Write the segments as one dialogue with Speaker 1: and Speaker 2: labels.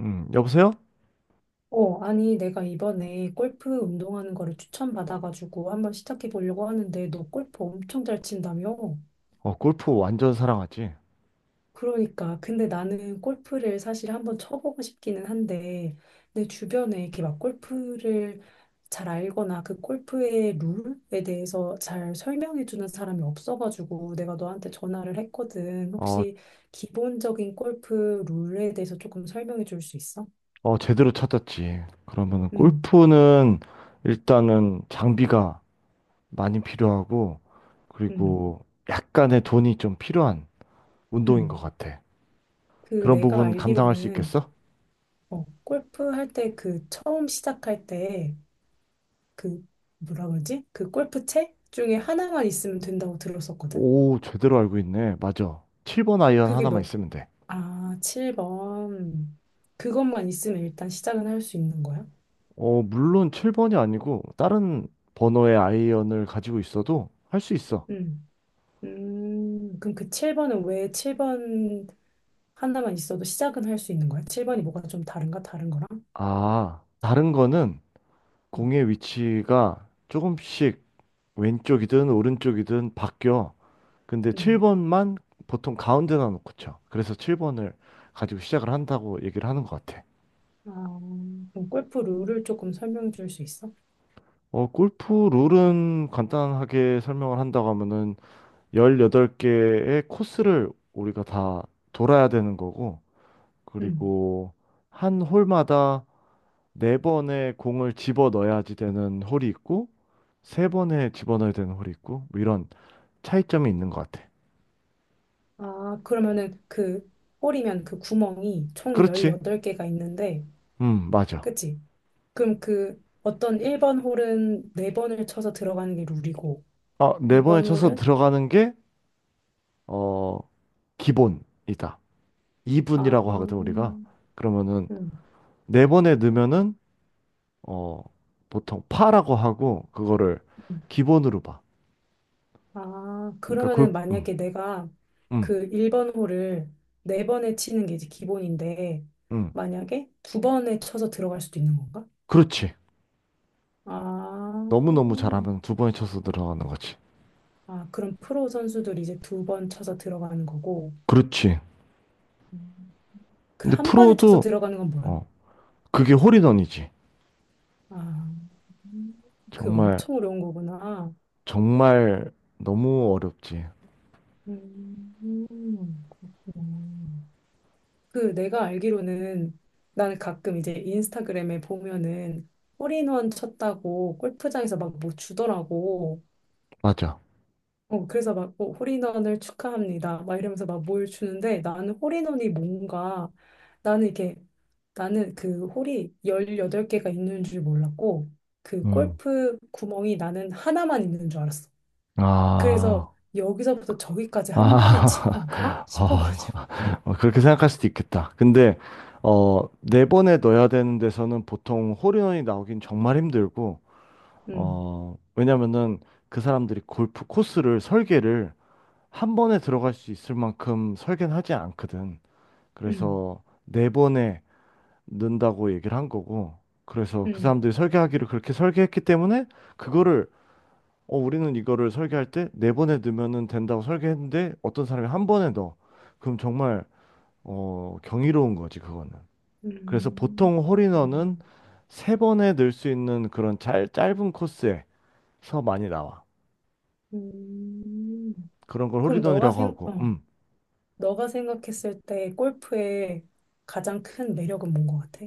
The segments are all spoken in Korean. Speaker 1: 여보세요?
Speaker 2: 어, 아니, 내가 이번에 골프 운동하는 거를 추천받아가지고 한번 시작해 보려고 하는데, 너 골프 엄청 잘 친다며?
Speaker 1: 어, 골프 완전 사랑하지?
Speaker 2: 그러니까. 근데 나는 골프를 사실 한번 쳐보고 싶기는 한데, 내 주변에 이렇게 막 골프를 잘 알거나 그 골프의 룰에 대해서 잘 설명해 주는 사람이 없어가지고 내가 너한테 전화를 했거든.
Speaker 1: 어,
Speaker 2: 혹시 기본적인 골프 룰에 대해서 조금 설명해 줄 수 있어?
Speaker 1: 어, 제대로 찾았지. 그러면은
Speaker 2: 응,
Speaker 1: 골프는 일단은 장비가 많이 필요하고,
Speaker 2: 응,
Speaker 1: 그리고 약간의 돈이 좀 필요한 운동인 것
Speaker 2: 응.
Speaker 1: 같아.
Speaker 2: 그
Speaker 1: 그런
Speaker 2: 내가
Speaker 1: 부분 감당할 수
Speaker 2: 알기로는
Speaker 1: 있겠어?
Speaker 2: 골프 할 때 그 처음 시작할 때 그 뭐라 그러지? 그 골프채 중에 하나만 있으면 된다고 들었었거든?
Speaker 1: 오, 제대로 알고 있네. 맞아. 7번 아이언
Speaker 2: 그게
Speaker 1: 하나만
Speaker 2: 몇,
Speaker 1: 있으면 돼.
Speaker 2: 아, 7번. 그것만 있으면 일단 시작은 할 수 있는 거야?
Speaker 1: 어, 물론 7번이 아니고, 다른 번호의 아이언을 가지고 있어도 할 수 있어.
Speaker 2: 음. 그럼 그 7번은 왜 7번 하나만 있어도 시작은 할 수 있는 거야? 7번이 뭐가 좀 다른가? 다른 거랑?
Speaker 1: 아, 다른 거는
Speaker 2: 음.
Speaker 1: 공의 위치가 조금씩 왼쪽이든 오른쪽이든 바뀌어. 근데
Speaker 2: 음.
Speaker 1: 7번만 보통 가운데다 놓고 쳐. 그래서 7번을 가지고 시작을 한다고 얘기를 하는 것 같아.
Speaker 2: 아, 그럼 골프 룰을 조금 설명해 줄 수 있어?
Speaker 1: 어, 골프 룰은 간단하게 설명을 한다고 하면은 18개의 코스를 우리가 다 돌아야 되는 거고,
Speaker 2: 음.
Speaker 1: 그리고 한 홀마다 4번의 공을 집어 넣어야지 되는 홀이 있고, 3번에 집어넣어야 되는 홀이 있고, 뭐 이런 차이점이 있는 것 같아.
Speaker 2: 아, 그러면은 그 홀이면 그 구멍이 총
Speaker 1: 그렇지?
Speaker 2: 18개가 있는데,
Speaker 1: 맞아.
Speaker 2: 그치? 그럼 그 어떤 1번 홀은 4번을 쳐서 들어가는 게 룰이고,
Speaker 1: 아, 4번에
Speaker 2: 2번
Speaker 1: 쳐서
Speaker 2: 홀은?
Speaker 1: 들어가는 게, 어, 기본이다. 이분이
Speaker 2: 아,
Speaker 1: 라고 하거든, 우리가. 그러면은,
Speaker 2: 음.
Speaker 1: 4번에 넣으면은, 어, 보통 파라고 하고, 그거를 기본으로 봐.
Speaker 2: 아,
Speaker 1: 그러니까
Speaker 2: 그러면은
Speaker 1: 골, 음,
Speaker 2: 만약에 내가
Speaker 1: 음,
Speaker 2: 그 1번 홀을 4번에 치는 게 이제 기본인데,
Speaker 1: 음.
Speaker 2: 만약에 두번에 쳐서 들어갈 수도 있는 건가?
Speaker 1: 그렇지.
Speaker 2: 아,
Speaker 1: 너무너무 잘하면 2번에 쳐서 들어가는 거지.
Speaker 2: 아, 그럼 프로 선수들이 이제 두 번 쳐서 들어가는 거고,
Speaker 1: 그렇지.
Speaker 2: 그
Speaker 1: 근데
Speaker 2: 한 번에 쳐서
Speaker 1: 프로도,
Speaker 2: 들어가는 건 뭐야?
Speaker 1: 어, 그게 홀인원이지.
Speaker 2: 아, 음, 그게
Speaker 1: 정말,
Speaker 2: 엄청 어려운 거구나.
Speaker 1: 정말 너무 어렵지.
Speaker 2: 그렇구나. 그 내가 알기로는 나는 가끔 이제 인스타그램에 보면은 홀인원 쳤다고 골프장에서 막 뭐 주더라고.
Speaker 1: 맞아.
Speaker 2: 어, 그래서 막, 뭐, 홀인원을 축하합니다. 막 이러면서 막 뭘 주는데 나는 홀인원이 뭔가 나는 이게 나는 그 홀이 18개가 있는 줄 몰랐고 그
Speaker 1: 음.
Speaker 2: 골프 구멍이 나는 하나만 있는 줄 알았어. 그래서
Speaker 1: 아.
Speaker 2: 여기서부터 저기까지 한 번에 친
Speaker 1: 아,
Speaker 2: 건가?
Speaker 1: 어,
Speaker 2: 싶어가지고.
Speaker 1: 어, 그렇게 생각할 수도 있겠다. 근데, 어, 4번에 넣어야 되는 데서는 보통 홀인원이 나오긴 정말 힘들고,
Speaker 2: 음,
Speaker 1: 어, 왜냐면은 그 사람들이 골프 코스를 설계를 1번에 들어갈 수 있을 만큼 설계는 하지 않거든.
Speaker 2: 음,
Speaker 1: 그래서 4번에 넣는다고 얘기를 한 거고, 그래서 그
Speaker 2: 음,
Speaker 1: 사람들이 설계하기를 그렇게 설계했기 때문에 그거를 어, 우리는 이거를 설계할 때 4번에 넣으면 된다고 설계했는데 어떤 사람이 1번에 넣어. 그럼 정말 어, 경이로운 거지, 그거는. 그래서 보통
Speaker 2: 그렇구나.
Speaker 1: 홀인원은 3번에 넣을 수 있는 그런 짧은 코스에서 많이 나와.
Speaker 2: 음.
Speaker 1: 그런 걸
Speaker 2: 그럼 너가
Speaker 1: 홀인원이라고
Speaker 2: 생,
Speaker 1: 하고,
Speaker 2: 어, 너가 생각했을 때 골프의 가장 큰 매력은 뭔 것 같아?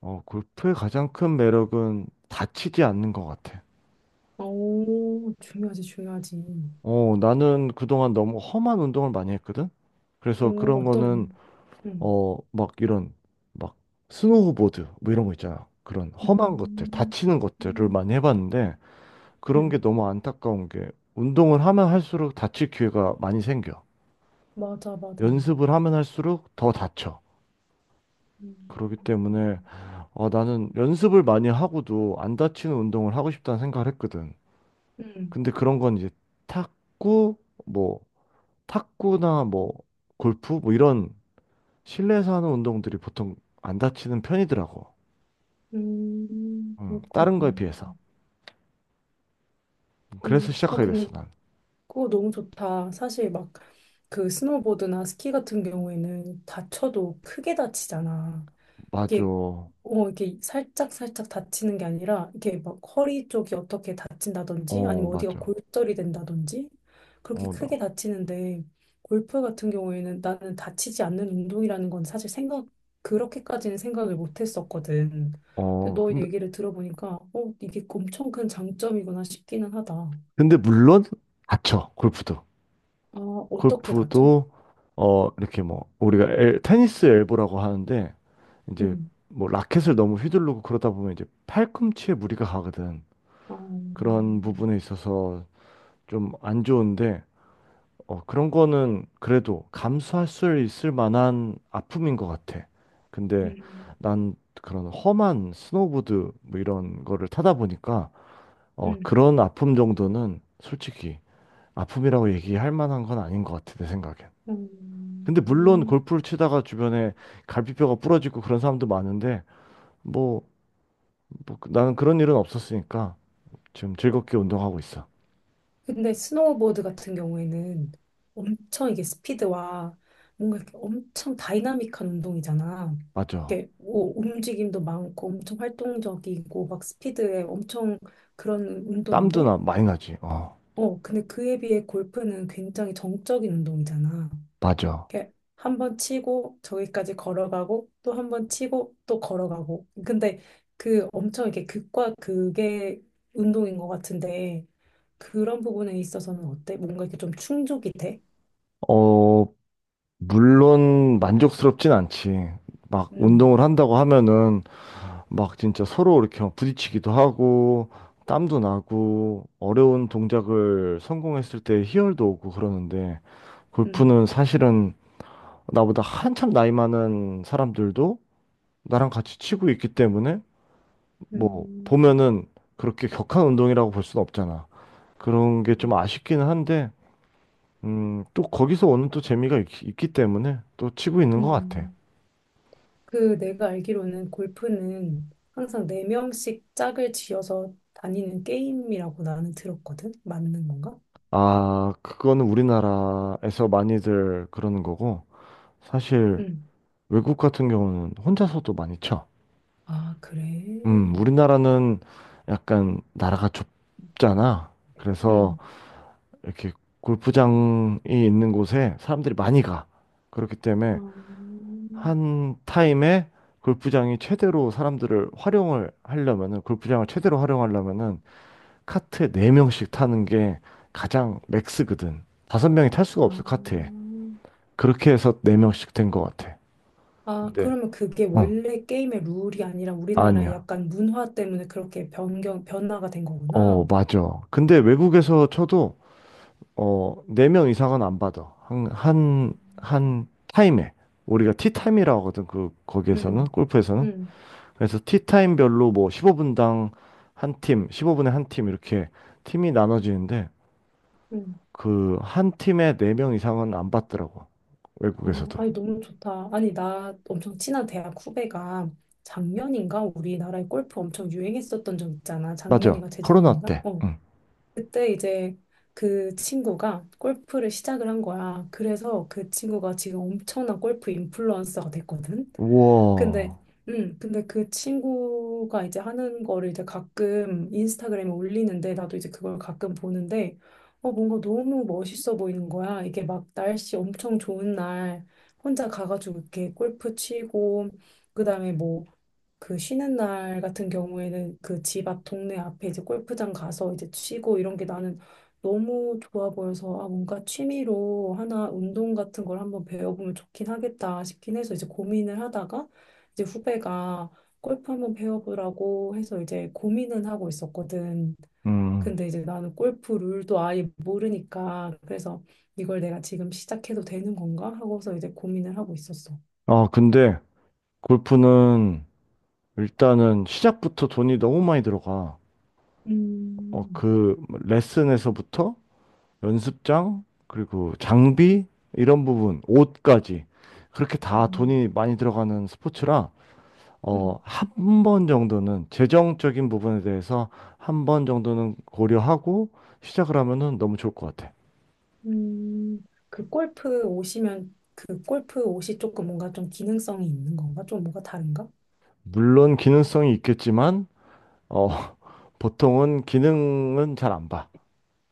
Speaker 1: 어, 골프의 가장 큰 매력은 다치지 않는 것 같아.
Speaker 2: 오, 중요하지, 중요하지.
Speaker 1: 어, 나는 그동안 너무 험한 운동을 많이 했거든? 그래서
Speaker 2: 오,
Speaker 1: 그런 거는
Speaker 2: 어떤, 응,
Speaker 1: 어, 막 이런 막 스노우보드 뭐 이런 거 있잖아. 그런 험한 것들,
Speaker 2: 음,
Speaker 1: 다치는 것들을
Speaker 2: 음,
Speaker 1: 많이 해봤는데 그런
Speaker 2: 응,
Speaker 1: 게 너무 안타까운 게 운동을 하면 할수록 다칠 기회가 많이 생겨.
Speaker 2: 맞아, 맞아.
Speaker 1: 연습을 하면 할수록 더 다쳐. 그렇기 때문에
Speaker 2: 음.
Speaker 1: 아, 나는 연습을 많이 하고도 안 다치는 운동을 하고 싶다는 생각을 했거든.
Speaker 2: 응,
Speaker 1: 근데 그런 건 이제 탁구, 뭐 탁구나 뭐 골프 뭐 이런 실내에서 하는 운동들이 보통 안 다치는 편이더라고.
Speaker 2: 그렇구나.
Speaker 1: 다른 거에 비해서.
Speaker 2: 응,
Speaker 1: 그래서
Speaker 2: 아,
Speaker 1: 시작하게 됐어,
Speaker 2: 근데
Speaker 1: 난.
Speaker 2: 그거 너무 좋다. 사실 막 그 스노보드나 스키 같은 경우에는 다쳐도 크게 다치잖아.
Speaker 1: 맞아.
Speaker 2: 이게
Speaker 1: 어,
Speaker 2: 어 이게 살짝 살짝 다치는 게 아니라 이게 막 허리 쪽이 어떻게 다친다든지 아니면 어디가
Speaker 1: 맞아.
Speaker 2: 골절이 된다든지 그렇게
Speaker 1: 어,
Speaker 2: 크게
Speaker 1: 너.
Speaker 2: 다치는데 골프 같은 경우에는 나는 다치지 않는 운동이라는 건 사실 생각 그렇게까지는 생각을 못 했었거든. 근데
Speaker 1: 어,
Speaker 2: 너
Speaker 1: 근데,
Speaker 2: 얘기를 들어보니까 어 이게 엄청 큰 장점이구나 싶기는 하다.
Speaker 1: 근데 물론, 다쳐, 골프도.
Speaker 2: 아 어떻게 다쳐?
Speaker 1: 골프도, 어, 이렇게 뭐, 우리가 테니스 엘보라고 하는데, 이제,
Speaker 2: 음.
Speaker 1: 뭐, 라켓을 너무 휘두르고 그러다 보면 이제 팔꿈치에 무리가 가거든.
Speaker 2: 아,
Speaker 1: 그런 부분에 있어서 좀 안 좋은데, 어, 그런 거는 그래도 감수할 수 있을 만한 아픔인 것 같아. 근데
Speaker 2: 음.
Speaker 1: 난 그런 험한 스노우보드 뭐 이런 거를 타다 보니까 어,
Speaker 2: 음.
Speaker 1: 그런 아픔 정도는 솔직히 아픔이라고 얘기할 만한 건 아닌 것 같아, 내 생각엔. 근데 물론
Speaker 2: 음.
Speaker 1: 골프를 치다가 주변에 갈비뼈가 부러지고 그런 사람도 많은데 뭐, 뭐, 나는 그런 일은 없었으니까 지금 즐겁게 운동하고 있어.
Speaker 2: 근데 스노우보드 같은 경우에는 엄청 이게 스피드와 뭔가 이렇게 엄청 다이나믹한 운동이잖아.
Speaker 1: 맞아.
Speaker 2: 이렇게 뭐 움직임도 많고 엄청 활동적이고 막 스피드에 엄청 그런
Speaker 1: 땀도
Speaker 2: 운동인데,
Speaker 1: 나 많이 나지. 어,
Speaker 2: 어, 근데 그에 비해 골프는 굉장히 정적인 운동이잖아.
Speaker 1: 맞아.
Speaker 2: 이렇게 한 번 치고 저기까지 걸어가고 또 한 번 치고 또 걸어가고. 근데 그 엄청 이렇게 극과 극의 운동인 것 같은데 그런 부분에 있어서는 어때? 뭔가 이렇게 좀 충족이 돼?
Speaker 1: 어, 물론 만족스럽진 않지. 막
Speaker 2: 음,
Speaker 1: 운동을 한다고 하면은 막 진짜 서로 이렇게 막 부딪히기도 하고 땀도 나고 어려운 동작을 성공했을 때 희열도 오고 그러는데
Speaker 2: 음,
Speaker 1: 골프는 사실은 나보다 한참 나이 많은 사람들도 나랑 같이 치고 있기 때문에 뭐
Speaker 2: 음,
Speaker 1: 보면은 그렇게 격한 운동이라고 볼 수는 없잖아. 그런 게 좀
Speaker 2: 음,
Speaker 1: 아쉽기는 한데 또 거기서 오는 또 재미가 있기 때문에 또 치고 있는 것 같아.
Speaker 2: 음. 그 내가 알기로는 골프는 항상 네명씩 짝을 지어서 다니는 게임이라고 나는 들었거든? 맞는 건가?
Speaker 1: 아, 그거는 우리나라에서 많이들 그러는 거고, 사실
Speaker 2: 음.
Speaker 1: 외국 같은 경우는 혼자서도 많이 쳐.
Speaker 2: 아, 그래.
Speaker 1: 우리나라는 약간 나라가 좁잖아. 그래서
Speaker 2: 음.
Speaker 1: 이렇게 골프장이 있는 곳에 사람들이 많이 가. 그렇기 때문에
Speaker 2: 어,
Speaker 1: 한 타임에 골프장이 최대로 사람들을 활용을 하려면은, 골프장을 최대로 활용하려면은, 카트에 4명씩 타는 게 가장 맥스거든. 5명이 탈 수가
Speaker 2: 아,
Speaker 1: 없어, 카트에. 그렇게 해서 4명씩 된 것 같아.
Speaker 2: 아,
Speaker 1: 근데,
Speaker 2: 그러면 그게
Speaker 1: 어,
Speaker 2: 원래 게임의 룰이 아니라 우리나라의
Speaker 1: 아니야.
Speaker 2: 약간 문화 때문에 그렇게 변화가 된
Speaker 1: 어,
Speaker 2: 거구나.
Speaker 1: 맞아. 근데 외국에서 쳐도, 어, 4명 이상은 안 받아. 한, 한,
Speaker 2: 음.
Speaker 1: 한 타임에. 우리가 티타임이라고 하거든. 그, 거기에서는,
Speaker 2: 음,
Speaker 1: 골프에서는.
Speaker 2: 음,
Speaker 1: 그래서 티타임별로 뭐 15분당 한 팀, 15분에 한 팀, 이렇게 팀이 나눠지는데,
Speaker 2: 음.
Speaker 1: 그, 한 팀에 4명 이상은 안 받더라고.
Speaker 2: 어,
Speaker 1: 외국에서도.
Speaker 2: 아니, 너무 좋다. 아니, 나 엄청 친한 대학 후배가 작년인가 우리나라에 골프 엄청 유행했었던 적 있잖아.
Speaker 1: 맞아.
Speaker 2: 작년인가
Speaker 1: 코로나
Speaker 2: 재작년인가?
Speaker 1: 때.
Speaker 2: 어.
Speaker 1: 응.
Speaker 2: 그때 이제 그 친구가 골프를 시작을 한 거야. 그래서 그 친구가 지금 엄청난 골프 인플루언서가 됐거든.
Speaker 1: 우와.
Speaker 2: 근데, 근데 그 친구가 이제 하는 거를 이제 가끔 인스타그램에 올리는데, 나도 이제 그걸 가끔 보는데, 어, 뭔가 너무 멋있어 보이는 거야. 이게 막 날씨 엄청 좋은 날, 혼자 가가지고 이렇게 골프 치고, 그 다음에 뭐, 그 쉬는 날 같은 경우에는 그 집 앞 동네 앞에 이제 골프장 가서 이제 치고 이런 게 나는 너무 좋아 보여서 아 뭔가 취미로 하나 운동 같은 걸 한번 배워보면 좋긴 하겠다 싶긴 해서 이제 고민을 하다가 이제 후배가 골프 한번 배워보라고 해서 이제 고민은 하고 있었거든.
Speaker 1: 음.
Speaker 2: 근데 이제 나는 골프 룰도 아예 모르니까 그래서 이걸 내가 지금 시작해도 되는 건가 하고서 이제 고민을 하고 있었어.
Speaker 1: 아, 근데, 골프는 일단은 시작부터 돈이 너무 많이 들어가. 어,
Speaker 2: 음,
Speaker 1: 그 레슨에서부터 연습장, 그리고 장비, 이런 부분, 옷까지. 그렇게 다
Speaker 2: 음,
Speaker 1: 돈이 많이 들어가는 스포츠라,
Speaker 2: 음.
Speaker 1: 어, 한 번 정도는 재정적인 부분에 대해서 한번 정도는 고려하고 시작을 하면은 너무 좋을 것 같아.
Speaker 2: 음, 그 골프 옷이면 그 골프 옷이 조금 뭔가 좀 기능성이 있는 건가? 좀 뭐가 다른가?
Speaker 1: 물론 기능성이 있겠지만, 어, 보통은 기능은 잘 안 봐.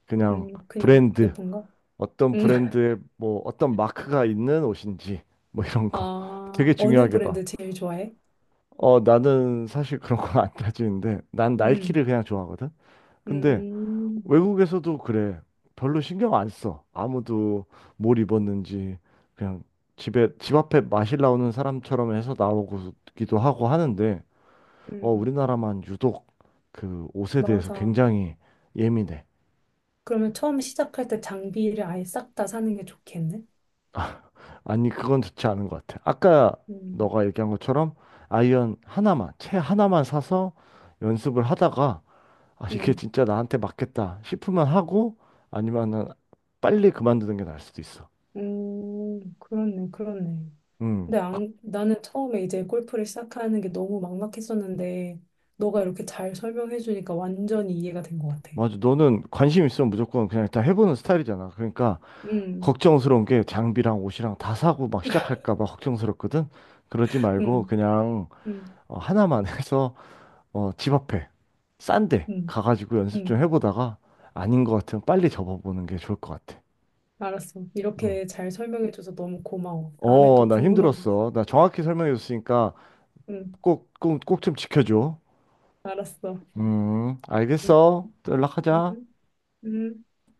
Speaker 1: 그냥
Speaker 2: 그냥
Speaker 1: 브랜드.
Speaker 2: 예쁜가?
Speaker 1: 어떤
Speaker 2: 음,
Speaker 1: 브랜드의 뭐 어떤 마크가 있는 옷인지 뭐 이런 거
Speaker 2: 아,
Speaker 1: 되게
Speaker 2: 어느
Speaker 1: 중요하게 봐.
Speaker 2: 브랜드 제일 좋아해?
Speaker 1: 어, 나는 사실 그런 건 안 따지는데 난 나이키를
Speaker 2: 음,
Speaker 1: 그냥 좋아하거든. 근데
Speaker 2: 음,
Speaker 1: 외국에서도 그래. 별로 신경 안 써. 아무도 뭘 입었는지 그냥 집에 집 앞에 마실 나오는 사람처럼 해서 나오기도 하고 하는데 어,
Speaker 2: 음,
Speaker 1: 우리나라만 유독 그 옷에 대해서
Speaker 2: 맞아.
Speaker 1: 굉장히 예민해.
Speaker 2: 그러면 처음 시작할 때 장비를 아예 싹 다 사는 게 좋겠네?
Speaker 1: 아니, 그건 좋지 않은 것 같아. 아까
Speaker 2: 음,
Speaker 1: 너가 얘기한 것처럼 아이언 하나만, 채 하나만 사서 연습을 하다가 아, 이게
Speaker 2: 음,
Speaker 1: 진짜 나한테 맞겠다 싶으면 하고 아니면은 빨리 그만두는 게 나을 수도 있어.
Speaker 2: 그렇네, 그렇네.
Speaker 1: 음.
Speaker 2: 근데 안, 나는 처음에 이제 골프를 시작하는 게 너무 막막했었는데, 너가 이렇게 잘 설명해주니까 완전히 이해가 된 것 같아.
Speaker 1: 맞아. 너는 관심 있으면 무조건 그냥 일단 해보는 스타일이잖아. 그러니까
Speaker 2: 음,
Speaker 1: 걱정스러운 게 장비랑 옷이랑 다 사고 막 시작할까 봐 걱정스럽거든. 그러지 말고
Speaker 2: 음,
Speaker 1: 그냥
Speaker 2: 음,
Speaker 1: 어, 하나만 해서 어, 집 앞에 싼데
Speaker 2: 음,
Speaker 1: 가가지고 연습 좀
Speaker 2: 음.
Speaker 1: 해보다가 아닌 것 같으면 빨리 접어보는 게 좋을 것 같아.
Speaker 2: 알았어.
Speaker 1: 음.
Speaker 2: 이렇게 잘 설명해줘서 너무 고마워. 다음에
Speaker 1: 어,
Speaker 2: 또
Speaker 1: 나
Speaker 2: 궁금한 거 있어.
Speaker 1: 힘들었어. 나 정확히 설명해줬으니까
Speaker 2: 응
Speaker 1: 꼭, 꼭, 꼭 좀 지켜줘.
Speaker 2: 알았어. 음,
Speaker 1: 알겠어. 또 연락하자.
Speaker 2: 음, 음.